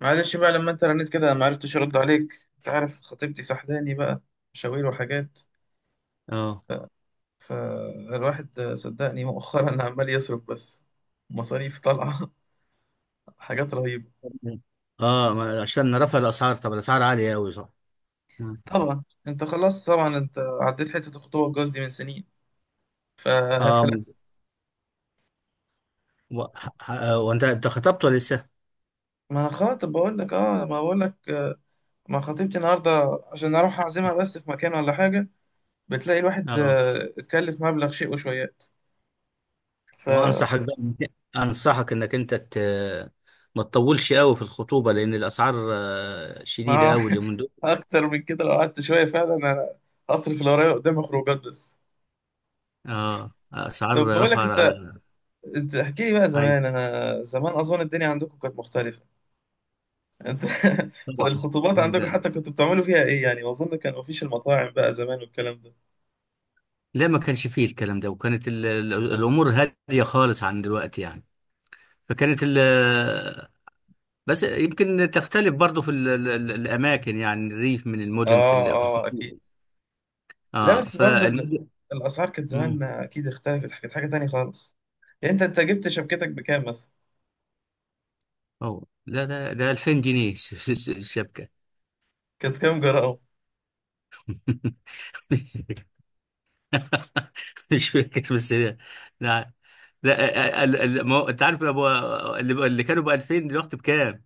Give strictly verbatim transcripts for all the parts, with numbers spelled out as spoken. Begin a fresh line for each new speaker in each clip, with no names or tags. معلش بقى، لما انت رنيت كده ما عرفتش ارد عليك. انت عارف خطيبتي سحلاني بقى مشاوير وحاجات.
اه
فالواحد صدقني مؤخرا عمال يصرف بس. مصاريف طالعة. حاجات رهيبة.
اه ما- عشان رفع الاسعار. طب الاسعار عاليه قوي، صح؟ مم.
طبعا انت خلاص، طبعا انت عديت حتة الخطوبة والجواز دي من سنين. ف...
اه.
فلا
مز- و- ح- ح- آه، وانت انت خطبت ولا لسه؟
ما انا خاطب، بقول لك اه. ما بقول لك آه، ما خطيبتي النهارده عشان اروح اعزمها بس في مكان ولا حاجة. بتلاقي الواحد
اه،
آه، اتكلف مبلغ شيء وشويات. ف...
وانصحك بقى. انصحك انك انت ت... ما تطولش قوي في الخطوبه، لان الاسعار آه، شديده
ما
قوي اليومين دول.
اكتر من كده لو قعدت شويه فعلا انا هصرف اللي ورايا، قدامي خروجات بس.
اه،
طب
اسعار
بقول
رفع،
لك انت
آه،
انت احكي لي بقى
اي
زمان. انا زمان اظن الدنيا عندكم كانت مختلفه. انت
طبعا.
الخطوبات عندكم
إن-
حتى كنتوا بتعملوا فيها ايه؟ يعني اظن كان مفيش المطاعم بقى زمان والكلام ده.
لا، ما كانش فيه الكلام ده، وكانت ال... ال- الامور هاديه خالص عن دلوقتي يعني. فكانت ال. بس يمكن تختلف برضو في ال ال ال الأماكن يعني الريف من المدن في
اه
ال- في
اه اكيد.
الخطوط.
لا
اه،
بس برضو ال-
فالمدن.
الاسعار كانت زمان،
مم.
اكيد اختلفت، كانت حاجه تانية خالص. يعني انت انت جبت شبكتك بكام مثلا؟
أوه. لا، ده ده ألفين جنيه. ش- ش- ش- الشبكة.
كانت كام جرام؟
مش مش فاكر، بس لا. لا، لا، ال- ال- ما هو- انت عارف ابو. اللي اللي كانوا ب ألفين دلوقتي بكام؟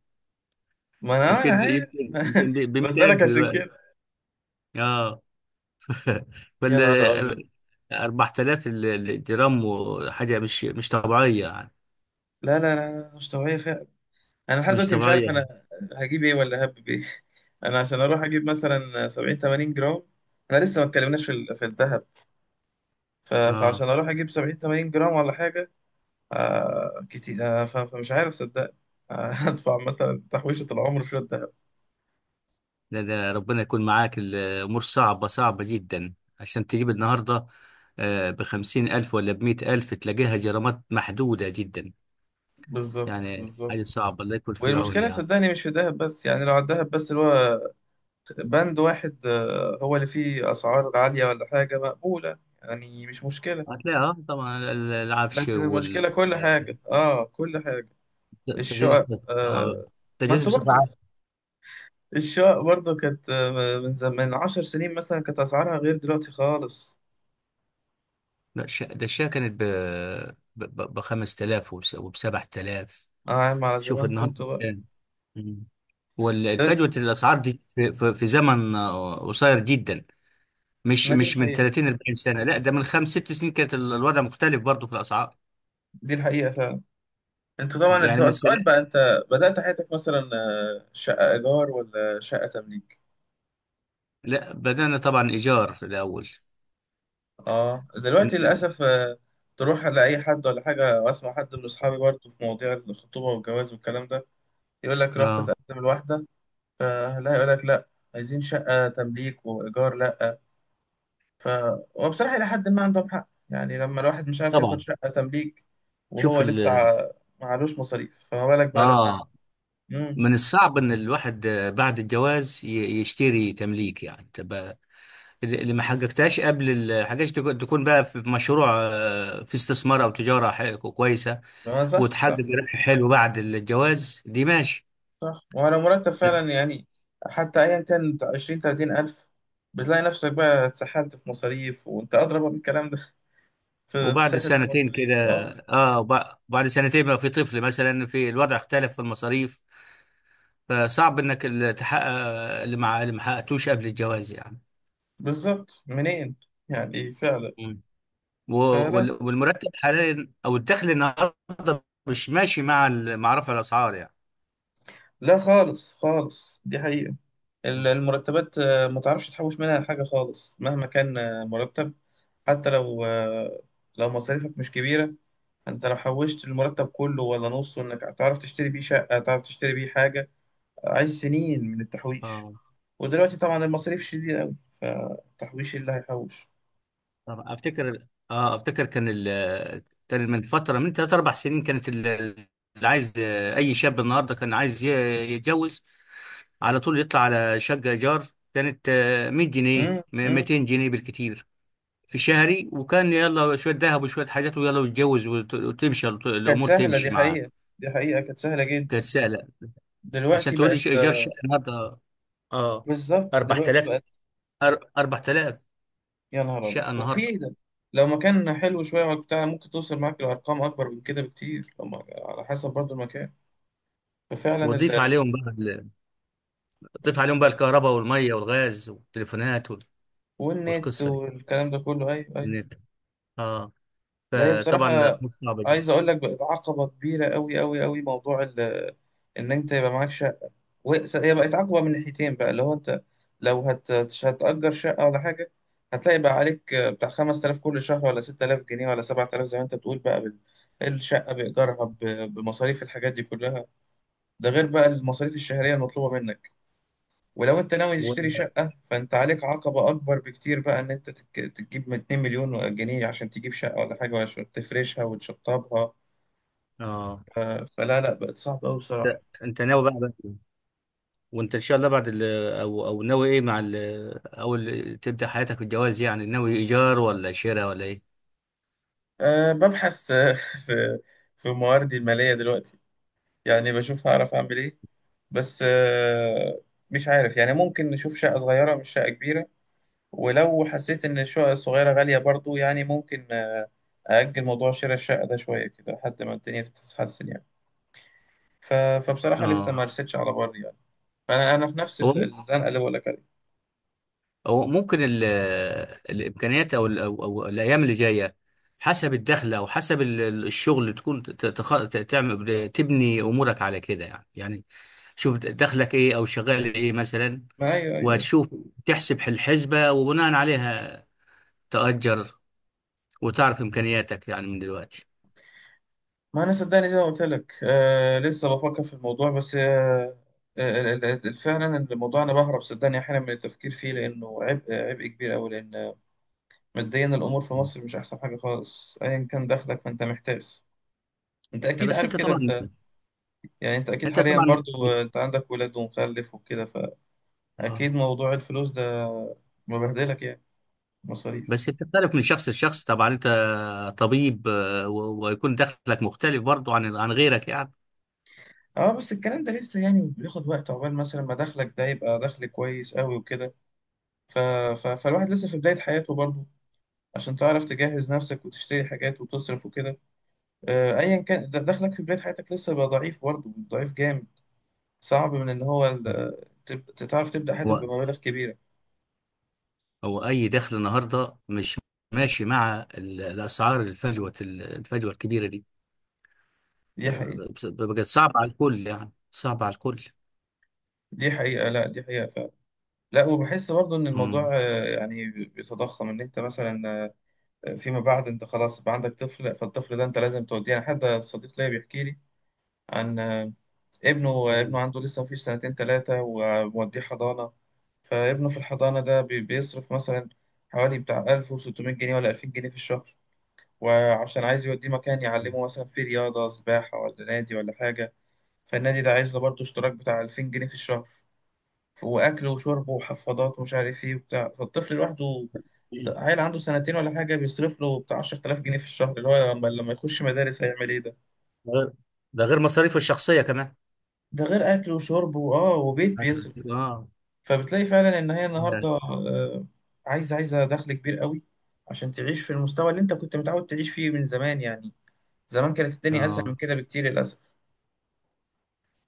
ما انا انا
يمكن يمكن
عارف
يمكن ب مية الف
بسألك عشان
دلوقتي.
كده.
اه.
يا
ولا
نهار ابيض.
أربعة آلاف، ال- الجرام، وحاجة مش مش طبيعية يعني.
لا لا لا، مش طبيعية فعلا. أنا لحد
مش
دلوقتي مش عارف،
طبيعية.
أنا هجيب إيه ولا هبب إيه؟ أنا عشان أروح أجيب مثلا سبعين تمانين جرام، أنا لسه ما اتكلمناش في ال- في الذهب. ف-
اه.
فعشان أروح أجيب سبعين تمانين جرام ولا حاجة، آه كتير. آه ف- فمش عارف صدق آه هدفع مثلا تحويشة العمر في الذهب.
لا، ده ربنا يكون معاك، الامور صعبه صعبه جدا، عشان تجيب النهارده. آه بخمسين ألف ولا بمئة ألف تلاقيها جرامات محدوده جدا.
بالظبط
يعني حاجه
بالظبط.
صعبه، الله يكون في العون
والمشكلة
يعني.
صدقني مش في الذهب بس، يعني لو على الذهب بس اللي هو بند واحد آه، هو اللي فيه أسعار عالية ولا حاجة مقبولة، يعني مش مشكلة.
هتلاقيها، آه، طبعا ال- العفش
لكن
وال
المشكلة كل حاجة، اه كل حاجة.
التجهيز
الشقق
بص- آه،
آه. ما
التجهيز
انت
بصفه
برضو،
عامه.
الشقق برضو كانت آه، من زم... من عشر سنين مثلا كانت أسعارها غير دلوقتي خالص.
لا، الش- ده الشاي كانت ب ب خمس تلاف وب سبع تلاف.
اه يا عم على
شوف
زمان
النهارده
كنت بقى
كام. مم.
ده.
والفجوه الاسعار دي في في- في زمن آه، قصير جدا، مش
ما دي
مش من
الحقيقة،
ثلاثين أربعين سنه. لا، ده من خمس ست سنين كانت ال- الوضع مختلف برضه في الاسعار،
دي الحقيقة فعلا. انت طبعا، انت
يعني من سنه.
سؤال بقى، انت بدأت حياتك مثلا آه، شقة إيجار ولا شقة تمليك؟
لا، بدانا طبعا ايجار في الاول.
اه دلوقتي
من-
للأسف آه، تروح على أي حد ولا حاجة، وأسمع حد من أصحابي برضو في مواضيع الخطوبة والجواز والكلام ده، يقول لك رحت
اه،
تقدم الواحدة، فلا يقول لك لا، عايزين شقة تمليك، وإيجار لا. ف وبصراحة إلى حد ما عندهم حق، يعني لما الواحد مش عارف ياخد
طبعا.
شقة تمليك
شوف
وهو
ال
لسه ع- معلوش مصاريف، فما بالك بقى لما...
اه.
امم
من الصعب ان الواحد آه، بعد الجواز ي- يشتري تمليك، يعني تبقى اللي اللي ما حققتهاش قبل ال- حاجات، تكون تكون بقى في مشروع، آه، في استثمار او تجاره ح- كويسه،
ما صح
وتحقق
صح.
ربح حلو بعد الجواز، دي ماشي.
صح وعلى مرتب فعلا يعني، حتى أيا كان عشرين تلاتين ألف، بتلاقي نفسك بقى اتسحلت في مصاريف، وأنت أضرب من الكلام ده. في-
وبعد
تتسحل في
سنتين
مصاريف،
كده،
أه.
اه وب- بعد سنتين بقى في طفل مثلا، في الوضع اختلف في المصاريف، فصعب انك ال- تحقق اللي مع اللي ما حققتوش قبل الجواز يعني.
بالظبط، منين؟ يعني فعلا.
مم. و-
فلا،
وال- والمرتب حاليا او الدخل النهارده مش ماشي مع ال- مع رفع الاسعار يعني.
لا خالص خالص، دي حقيقة. ال-
مم.
المرتبات آه، ما تعرفش تحوش منها حاجة خالص، مهما كان آه، مرتب. حتى لو آه، لو مصاريفك مش كبيرة، انت لو حوشت المرتب كله ولا نصه، انك هتعرف تشتري بيه شقة، تعرف تشتري بيه حاجة؟ عايز سنين من التحويش.
اه،
ودلوقتي طبعا المصاريف شديدة أوي، فالتحويش اللي هيحوش.
طب افتكر. اه افتكر كان ال كان من فتره من ثلاث اربع سنين كانت ال- اللي عايز، اي شاب النهارده كان عايز ي- يتجوز، على طول يطلع على شقة إيجار كانت، آه، مية جنيه
امم
م-
امم
ميتين جنيه بالكتير في شهري، وكان يلا شوية ذهب وشوية حاجات ويلا ويتجوز، وت- وتمشي الط-
كانت
الأمور
سهلة، دي
تمشي معاه،
حقيقة، دي حقيقة كانت سهلة جدا.
كانت سهلة. عشان
دلوقتي
تقول لي،
بقت
ش- إيجار شقة
آه.
النهاردة. آه،
بالظبط، دلوقتي
4000
بقت،
أر- أربعة آلاف
يا نهار أبيض.
شقة النهاردة.
وفي ده لو مكان حلو شوية وبتاع، ممكن توصل معاك لأرقام أكبر من كده بكتير، لما على حسب برضو المكان. ففعلا
وضيف
ال...
عليهم بقى، ال- ضيف عليهم بقى الكهرباء والمية والغاز والتليفونات، وال-
والنت
والقصة دي،
والكلام ده كله، أيوه أيوه.
والنت. آه،
ده هي
فطبعا
بصراحة،
صعبة
عايز
جدا.
أقول لك بقت عقبة كبيرة أوي أوي أوي، موضوع ال... إن أنت يبقى معكش. وس- هي بقت عقبة من ناحيتين بقى، اللي هو انت لو هت... هتأجر شقة ولا حاجة، هتلاقي بقى عليك بتاع خمس تلاف كل شهر، ولا ست تلاف جنيه، ولا سبع تلاف، زي ما انت بتقول بقى بال... الشقة بإيجارها ب... بمصاريف الحاجات دي كلها. ده غير بقى المصاريف الشهرية المطلوبة منك. ولو انت ناوي
و.
تشتري شقة، فانت عليك عقبة أكبر بكتير بقى، ان انت تك... تجيب من اتنين مليون جنيه عشان تجيب شقة ولا حاجة، وعشان تفرشها وتشطبها.
آه،
ف... فلا، لا بقت صعبة أوي
أنت
بصراحة.
أنت ناوي بقى. وانت ان شاء الله بعد ال، او او ناوي ايه مع ال، او ال- تبدا حياتك بالجواز، يعني ناوي ايجار ولا شراء ولا ايه؟
أه ببحث في في مواردي المالية دلوقتي، يعني بشوف هعرف اعمل ايه، بس آه، مش عارف يعني، ممكن نشوف شقة صغيرة مش شقة كبيرة. ولو حسيت ان الشقة الصغيرة غالية برضو، يعني ممكن آه، أأجل موضوع شراء الشقة ده شوية كده لحد ما الدنيا تتحسن يعني. ف- فبصراحة لسه
اه.
ما رستش على بر يعني. فأنا أنا في نفس
هو مم-
ال- الزنقة اللي بقول لك عليها.
هو ممكن ال الامكانيات، او ال او او الايام اللي جايه، حسب الدخل او حسب ال- ال- الشغل، تكون ت- تخ- ت- تعمل، تبني امورك على كده يعني. يعني شوف دخلك ايه او شغال ايه مثلا،
ما أيوه أيوه أيوه.
وتشوف، تحسب الحسبه وبناء عليها تأجر، وتعرف امكانياتك يعني من دلوقتي.
ما أنا صدقني زي ما قلت لك آه، لسه بفكر في الموضوع بس آه. آه، ال- ال- ال- فعلا الموضوع أنا بهرب صدقني أحيانا من التفكير فيه، لأنه عبء عبء كبير أوي. لأن ماديا الامور في مصر مش احسن حاجه خالص، ايا كان دخلك فانت محتاس. انت اكيد
بس
عارف
انت
كده،
طبعا.
انت يعني انت اكيد
انت
حاليا
طبعا،
برضو آه، انت عندك ولاد ومخلف وكده.
آه.
فاكيد موضوع الفلوس ده مبهدلك يعني. مصاريف.
بس بتختلف من شخص لشخص، طبعا انت طبيب، آه، و- ويكون دخلك مختلف برضو عن عن غيرك يعني.
اه بس الكلام ده لسه يعني بياخد وقت عقبال مثلا ما دخلك ده يبقى دخل كويس قوي وكده. ف... ف... فالواحد لسه في بداية حياته برضه، عشان تعرف تجهز نفسك وتشتري حاجات وتصرف وكده. آه، ايا كان ده- دخلك في بداية حياتك لسه بقى ضعيف، برضه ضعيف جامد. صعب من ان هو ال- تب- تعرف تبدأ حياتك
هو
بمبالغ كبيرة.
هو اي دخل النهارده مش ماشي مع ال- الاسعار، الفجوه الفجوه الكبيره دي،
دي حقيقة،
ف- بقت صعبه على الكل، يعني صعبه على الكل.
دي حقيقة، لا دي حقيقة فعلا. لا وبحس برضه ان الموضوع
مم.
آه، يعني بيتضخم، ان انت مثلا آه، فيما بعد انت خلاص بقى عندك طفل، فالطفل ده انت لازم توديه. يعني حد صديق ليا بيحكي لي عن آه، ابنه ابنه عنده لسه مفيش سنتين ثلاثة، وموديه حضانة. فابنه في الحضانة ده بي- بيصرف مثلا حوالي بتاع ألف وستمية جنيه ولا ألفين جنيه في الشهر. وعشان عايز يوديه مكان يعلمه مثلا في رياضة سباحة ولا نادي ولا حاجة، فالنادي ده عايز له برضه اشتراك بتاع ألفين جنيه في الشهر. ف- وأكل وشرب وحفاضات ومش عارف إيه وبتاع، فالطفل لوحده ط- عيل عنده سنتين ولا حاجة، بيصرف له بتاع عشر تلاف جنيه في الشهر، اللي هو لما لما يخش مدارس هيعمل إيه ده؟
ده غير مصاريفه الشخصيه كمان.
ده غير أكل وشرب وآه وبيت
أكلك.
بيصرف.
اه.
فبتلاقي فعلا إن هي النهاردة آه، عايزة عايزة دخل كبير قوي عشان تعيش في المستوى اللي أنت كنت متعود تعيش فيه من زمان يعني. زمان كانت الدنيا أسهل
اه،
من كده بكتير للأسف.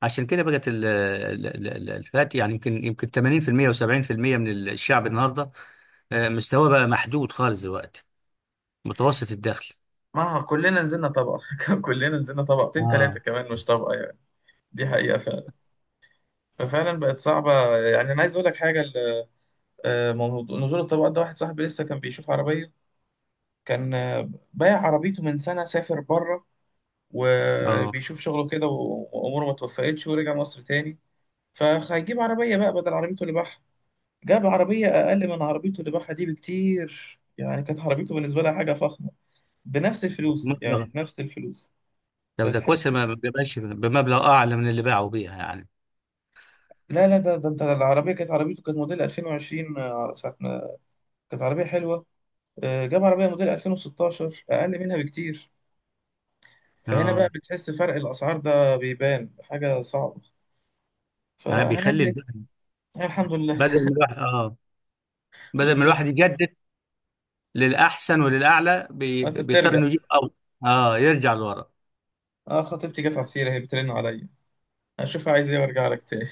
عشان كده بقت ال- ال- ال- ال- الفئات، يعني يمكن يمكن تمانين بالمية و70% من الشعب النهارده، آه، مستواه بقى محدود خالص دلوقتي، متوسط الدخل.
ما كلنا نزلنا طبقة، كلنا نزلنا طبقتين تلاتة
اه،
كمان، مش طبقة يعني. دي حقيقة. ففعلا بقت صعبة، يعني أنا عايز أقول لك حاجة. ال- آه، موضوع- نزول الطبقات ده، واحد صاحبي لسه كان بيشوف عربية، كان آه، بايع عربيته من سنة، سافر بره
اه،
وبيشوف شغله كده و- وأموره ما توفقتش ورجع مصر تاني. فهيجيب عربية بقى بدل عربيته اللي باعها. جاب عربية أقل من عربيته اللي باعها دي بكتير، يعني كانت عربيته بالنسبة لها حاجة فخمة، بنفس الفلوس يعني
مبلغ.
بنفس الفلوس.
طب ده
فتحس
كويس،
إن-
ما ما بيبقاش بمبلغ اعلى من اللي باعوا بيها يعني.
لا لا ده ده انت، العربية كانت، عربيته كانت موديل ألفين وعشرين آه، ساعة ما كانت عربية حلوة. آه، جاب عربية موديل ألفين وستاشر أقل منها بكتير. فهنا بقى
اه،
بتحس فرق الأسعار ده بيبان حاجة صعبة.
آه، بيخلي
فهنعمل إيه؟
الواحد.
آه، الحمد لله.
بدل ما الواحد اه بدل ما
بالظبط.
الواحد يجدد للاحسن وللاعلى، بي-
أنت
بيضطر
بترجع.
انه يجيب اول. اه، يرجع لورا.
أه خطيبتي جت على السيرة، هي بترن عليا، أشوفها عايز إيه وأرجع لك تاني.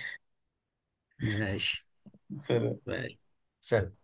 ماشي،
سلام.
ماشي. سلام.